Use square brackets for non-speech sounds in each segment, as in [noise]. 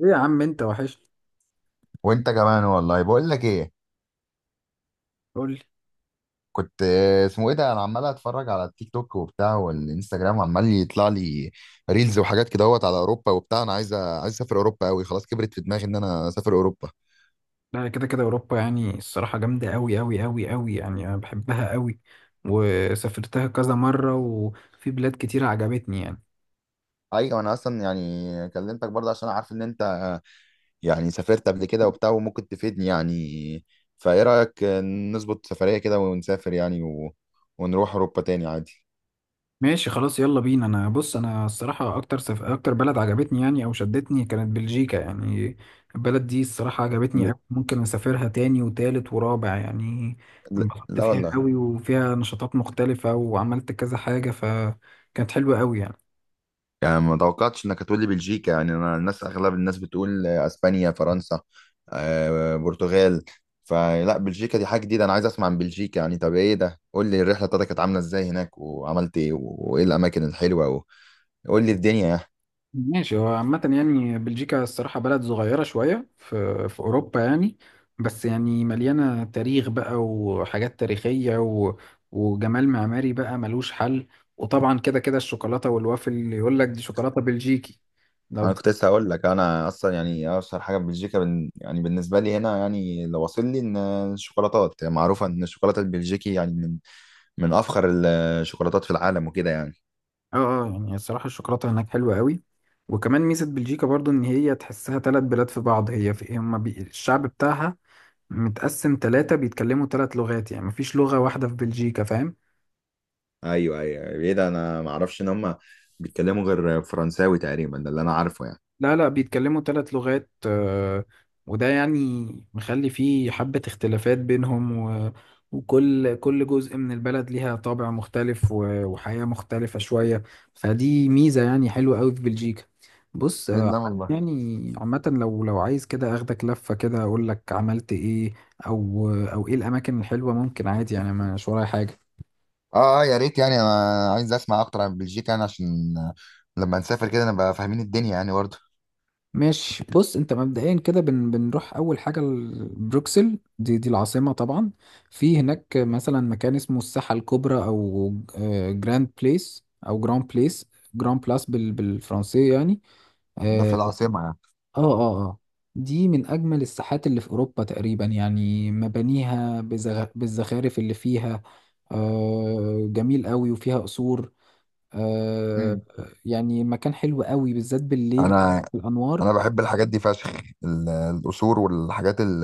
ايه يا عم انت وحش. وانت كمان والله بقول لك ايه. قول لي. كنت اسمه ايه ده، انا عمال اتفرج على التيك توك وبتاع، والانستجرام عمال يطلع لي ريلز وحاجات كده وات على اوروبا وبتاع. انا عايز عايز اسافر اوروبا قوي، خلاص كبرت في دماغي ان انا اسافر اوروبا. لا كده كده اوروبا يعني الصراحه جامده قوي قوي قوي قوي، يعني انا بحبها قوي وسافرتها كذا مره وفي بلاد كتير عجبتني يعني. ايوه انا اصلا يعني كلمتك برضه عشان عارف ان انت يعني سافرت قبل كده وبتاع وممكن تفيدني يعني. فايه رايك نظبط سفريه كده ونسافر يعني ونروح اوروبا تاني عادي. ماشي خلاص يلا بينا. انا بص، انا الصراحه اكتر بلد عجبتني يعني او شدتني كانت بلجيكا يعني. البلد دي الصراحه عجبتني ل- قوي، ممكن اسافرها تاني وتالت ورابع يعني. ل- انبسطت لا فيها والله، قوي وفيها نشاطات مختلفه وعملت كذا حاجه فكانت حلوه قوي يعني. يعني ما توقعتش انك هتقول لي بلجيكا يعني. انا اغلب الناس بتقول اسبانيا، فرنسا، برتغال. فلا بلجيكا دي حاجه جديده، انا عايز اسمع عن بلجيكا يعني. طب ايه ده، قول لي الرحله بتاعتك كانت عامله ازاي هناك، وعملت ايه، وايه الاماكن الحلوه، وقول لي الدنيا يعني. ماشي هو عامة يعني بلجيكا الصراحة بلد صغيرة شوية في أوروبا يعني، بس يعني مليانة تاريخ بقى وحاجات تاريخية وجمال معماري بقى ملوش حل. وطبعا كده كده الشوكولاتة والوافل اللي يقول لك دي شوكولاتة بلجيكي. لو انا بت... كنت لسه هقول لك، انا اصلا يعني اشهر حاجه في بلجيكا يعني بالنسبه لي هنا يعني اللي واصل لي ان الشوكولاتات يعني، معروفه ان الشوكولاته البلجيكي يعني من افخر الشوكولاتات في العالم وكده يعني. اه اه يعني الصراحة الشوكولاتة هناك حلوة قوي. وكمان ميزة بلجيكا برضو إن هي تحسها تلات بلاد في بعض، هي في الشعب بتاعها متقسم تلاتة بيتكلموا تلات لغات، يعني مفيش لغة واحدة في بلجيكا، فاهم؟ ايوه ايوه، ايه ده، انا ما اعرفش ان هم بيتكلموا غير فرنساوي تقريبا، ده اللي انا عارفه يعني. لا بيتكلموا ثلاث لغات، وده يعني مخلي فيه حبة اختلافات بينهم وكل جزء من البلد ليها طابع مختلف وحياة مختلفة شوية، فدي ميزة يعني حلوة قوي في بلجيكا. بص، إيه ده عامة والله. يعني عامة لو عايز كده اخدك لفة كده اقول لك عملت ايه او او ايه الاماكن الحلوة، ممكن عادي يعني، أنا مش ورايا حاجة. اه اه، يا ريت يعني، انا عايز اسمع اكتر عن بلجيكا يعني عشان لما نسافر كده نبقى فاهمين الدنيا يعني برضه. ماشي بص، انت مبدئيا كده بنروح اول حاجه لبروكسل، دي العاصمه طبعا. في هناك مثلا مكان اسمه الساحه الكبرى او جراند بليس، او جراند بليس، جراند بلاس بالفرنسيه يعني. ده في اه اه العاصمة يعني؟ اه. آه. دي من اجمل الساحات اللي في اوروبا تقريبا، يعني مبانيها بالزخارف اللي فيها آه جميل قوي، وفيها قصور آه. مم. يعني مكان حلو قوي بالذات بالليل، انا الانوار. انا بحب الحاجات دي فشخ. القصور والحاجات ال...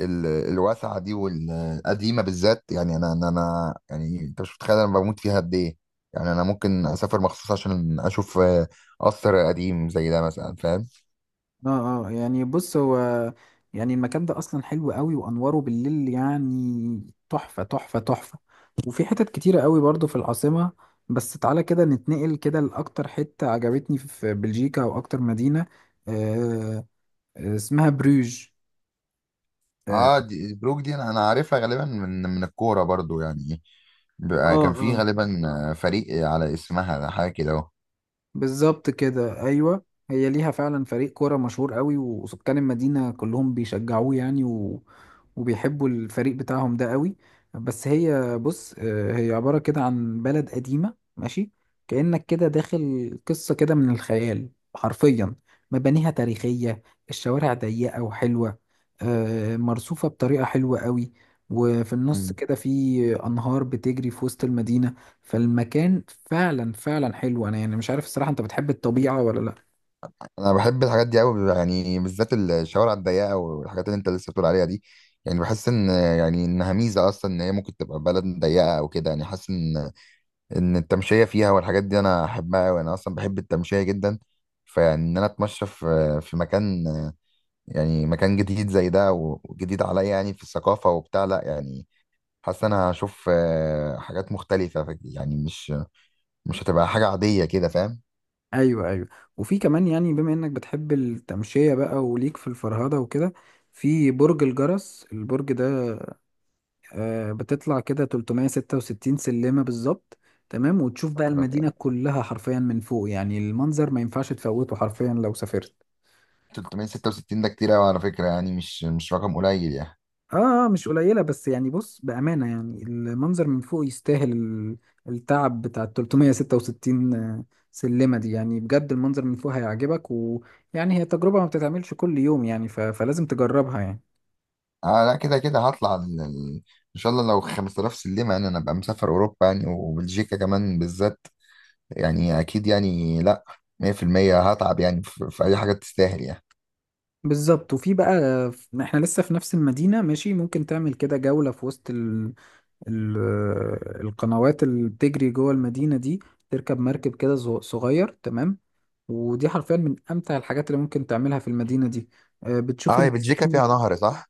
ال... الواسعة دي والقديمة بالذات يعني، يعني انت مش متخيل انا بموت فيها قد ايه. يعني انا ممكن اسافر مخصوص عشان اشوف قصر قديم زي ده مثلا، فاهم؟ اه اه يعني بص هو يعني المكان ده اصلا حلو قوي وانواره بالليل يعني تحفة تحفة تحفة. وفي حتت كتيرة قوي برضو في العاصمة. بس تعالى كده نتنقل كده لأكتر حتة عجبتني في بلجيكا او اكتر مدينة آه. اسمها بروج. اه اه دي بروك، دي انا عارفها غالبا من الكوره برضو يعني. بقى كان في اه. غالبا فريق على اسمها حاجه كده اهو. بالظبط كده ايوه، هي ليها فعلا فريق كوره مشهور قوي وسكان المدينه كلهم بيشجعوه يعني وبيحبوا الفريق بتاعهم ده قوي. بس هي بص هي عباره كده عن بلد قديمه ماشي، كانك كده داخل قصه كده من الخيال حرفيا. مبانيها تاريخيه، الشوارع ضيقه وحلوه، مرصوفه بطريقه حلوه قوي. وفي النص مم. كده في انهار بتجري في وسط المدينه، فالمكان فعلا فعلا حلو. انا يعني مش عارف الصراحة، انت بتحب الطبيعة ولا لا؟ انا بحب الحاجات دي قوي يعني، بالذات الشوارع الضيقه والحاجات اللي انت لسه بتقول عليها دي. يعني بحس ان يعني انها ميزه اصلا ان هي ممكن تبقى بلد ضيقه او كده. يعني حاسس ان التمشيه فيها والحاجات دي انا احبها قوي، انا اصلا بحب التمشيه جدا. فيعني ان انا اتمشى في مكان، يعني مكان جديد زي ده وجديد عليا يعني في الثقافه وبتاع، لا يعني حاسس انا هشوف حاجات مختلفة، يعني مش هتبقى حاجة عادية كده، فاهم؟ ايوه ايوه. وفي كمان يعني بما انك بتحب التمشية بقى وليك في الفرهدة وكده، في برج الجرس، البرج ده آه بتطلع كده 366 سلمة بالظبط تمام، وتشوف بقى المدينة كلها حرفيا من فوق، يعني المنظر ما ينفعش تفوته حرفيا لو سافرت. 366 ده كتير قوي على فكرة يعني، مش رقم قليل يعني. اه مش قليله، بس يعني بص بامانه يعني المنظر من فوق يستاهل التعب بتاع ال 366 سلمه دي، يعني بجد المنظر من فوق هيعجبك، ويعني هي تجربه ما بتتعملش كل يوم يعني فلازم تجربها يعني. اه لا كده كده هطلع ان شاء الله لو 5000 سلمة، يعني انا ابقى مسافر اوروبا يعني وبلجيكا كمان بالذات يعني، اكيد يعني. لا، 100% هتعب يعني في اي حاجة تستاهل يعني. بالظبط. وفي بقى، احنا لسه في نفس المدينه ماشي، ممكن تعمل كده جوله في وسط القنوات اللي بتجري جوه المدينه دي، تركب مركب كده صغير تمام. ودي حرفيا من امتع الحاجات اللي ممكن تعملها في المدينه دي، بتشوف. اه، هي بلجيكا فيها نهر صح؟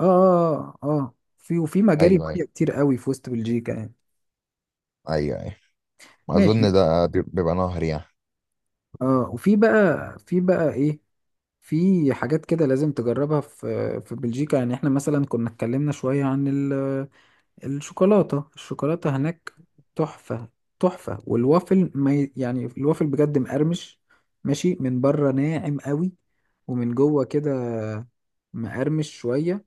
اه اه اه في، وفي مجاري ايوه ايوه، ميه كتير قوي في وسط بلجيكا يعني. ايوه ايوه، اظن ماشي ده بيبقى نهر يعني. اه. وفي بقى في بقى ايه، في حاجات كده لازم تجربها في في بلجيكا يعني. احنا مثلا كنا اتكلمنا شويه عن الشوكولاته هناك تحفه تحفه. والوافل ما ي- يعني الوافل بجد مقرمش ماشي، من بره ناعم قوي، ومن جوه كده مقرمش شويه.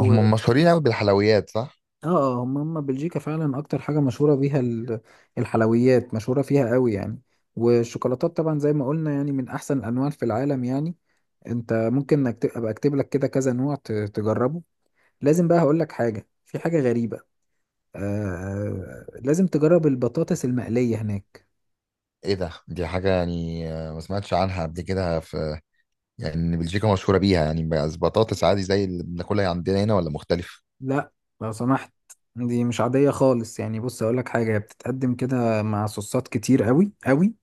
هم مشهورين قوي بالحلويات صح؟ اه اه هم هم بلجيكا فعلا اكتر حاجة مشهورة بيها الحلويات، مشهورة فيها قوي يعني. والشوكولاتات طبعا زي ما قلنا يعني من احسن الانواع في العالم يعني. انت ممكن ابقى اكتب لك كده كذا نوع تجربه. لازم بقى هقول لك حاجة، في حاجة غريبة، لازم تجرب البطاطس المقلية هناك. ايه ده، دي حاجة يعني ما سمعتش عنها قبل كده، في يعني إن بلجيكا مشهورة بيها يعني، بس بطاطس عادي زي اللي بناكلها عندنا هنا ولا مختلف؟ لا، لو سمحت، دي مش عادية خالص يعني. بص اقول لك حاجة، هي بتتقدم كده مع صوصات كتير قوي قوي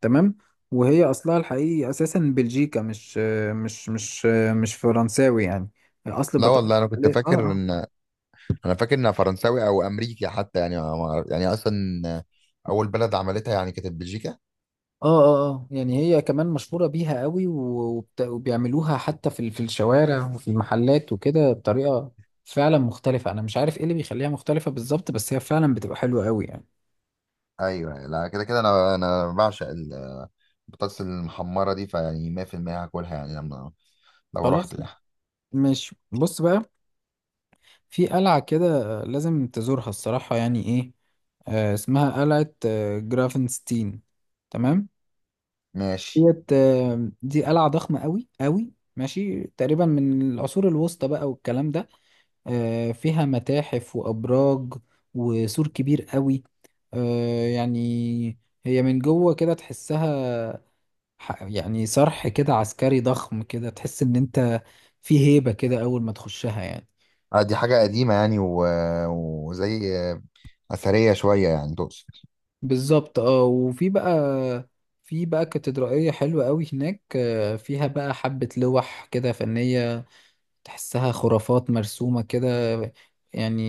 تمام. وهي اصلها الحقيقي اساسا بلجيكا، مش مش فرنساوي يعني. اصل لا بطاطس والله، الإسبانية، اه اه انا فاكر انها فرنساوي او امريكي حتى يعني، ما ما أعرف- يعني اصلا آه، اول بلد عملتها يعني كانت بلجيكا. اه اه اه. يعني هي كمان مشهورة بيها قوي وبيعملوها حتى في في الشوارع وفي المحلات وكده بطريقة فعلا مختلفة. انا مش عارف ايه اللي بيخليها مختلفة بالظبط، بس هي فعلا بتبقى حلوة قوي يعني. ايوه لا كده كده، انا بعشق البطاطس المحمرة دي، فيعني 100% هاكلها يعني لو خلاص رحت يعني. ماشي، بص بقى، في قلعة كده لازم تزورها الصراحة يعني ايه، آه اسمها قلعة آه جرافنستين تمام. ماشي. دي قلعة ضخمة قوي قوي ماشي، تقريبا من العصور الوسطى بقى والكلام ده. فيها متاحف وأبراج وسور كبير قوي. يعني هي من جوه كده تحسها يعني صرح كده عسكري ضخم كده، تحس إن أنت في هيبة كده أول ما تخشها يعني. دي حاجة قديمة يعني وزي أثرية شوية يعني تقصد؟ بالظبط اه. وفي بقى في بقى كاتدرائية حلوة قوي هناك، فيها بقى حبة لوح كده فنية تحسها خرافات مرسومة كده يعني.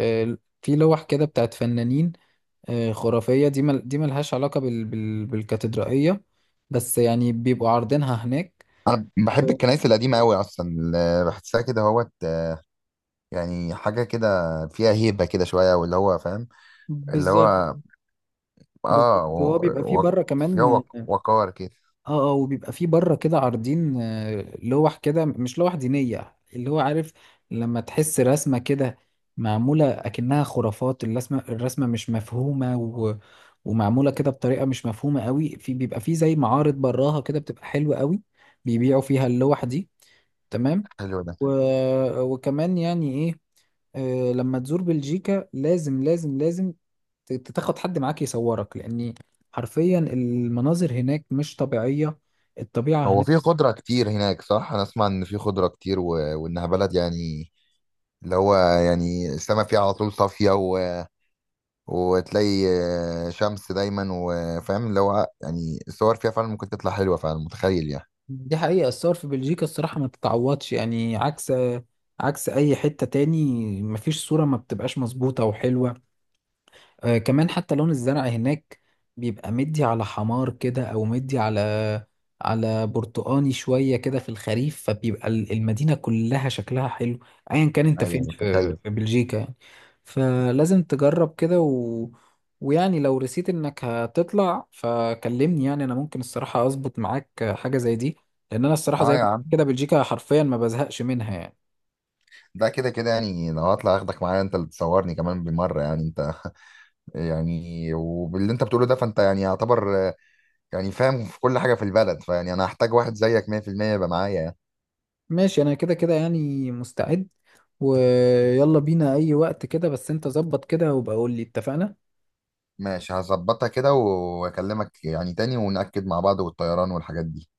في لوح كده بتاعت فنانين خرافية. دي ملهاش علاقة بالكاتدرائية، بس يعني بيبقوا عارضينها هناك انا بحب و- الكنائس القديمه قوي اصلا، اللي بحسها كده هوت يعني، حاجه كده فيها هيبه كده شويه، واللي هو فاهم اللي بالظبط. هو اه و... بالظبط هو بيبقى فيه و... بره فيها كمان. وقار كده. اه اه، وبيبقى في بره كده عارضين لوح كده، مش لوح دينية اللي هو عارف، لما تحس رسمة كده معمولة أكنها خرافات، الرسمة مش مفهومة ومعمولة كده بطريقة مش مفهومة قوي، في بيبقى في زي معارض براها كده بتبقى حلوة قوي، بيبيعوا فيها اللوح دي تمام. حلو ده. و... وكمان يعني ايه، لما تزور بلجيكا لازم لازم لازم تاخد حد معاك يصورك، لأن حرفيا المناظر هناك مش طبيعية، الطبيعة هو هناك في خضره كتير هناك صح؟ انا اسمع ان في خضره كتير وانها بلد يعني اللي هو يعني السما فيها على طول صافيه وتلاقي شمس دايما، وفاهم اللي هو يعني الصور فيها فعلا ممكن تطلع حلوه فعلا، متخيل يعني. دي حقيقة. الصور في بلجيكا الصراحة ما تتعوضش يعني، عكس عكس أي حتة تاني، مفيش صورة ما بتبقاش مظبوطة وحلوة. كمان حتى لون الزرع هناك بيبقى مدي على حمار كده، او مدي على على برتقاني شوية كده في الخريف، فبيبقى المدينة كلها شكلها حلو ايا كان انت ايوه فين في متخيل. في بلجيكا يعني. فلازم تجرب كده ويعني لو رسيت انك هتطلع فكلمني، يعني انا ممكن الصراحة اظبط معاك حاجة زي دي، لان انا الصراحة زي اه ما يا بقول عم، كده بلجيكا حرفيا ما بزهقش منها يعني. ده كده كده يعني لو هطلع اخدك معايا، انت اللي تصورني كمان بالمره يعني انت. [laughs] يعني وباللي انت بتقوله ده، فانت يعني يعتبر يعني فاهم في كل حاجه في البلد، فيعني انا هحتاج واحد زيك 100% يبقى معايا يعني. ماشي انا كده كده يعني مستعد، ويلا بينا اي وقت كده، بس انت ظبط كده وبقول لي اتفقنا. ماشي هظبطها كده واكلمك يعني تاني، ونأكد مع بعض والطيران والحاجات دي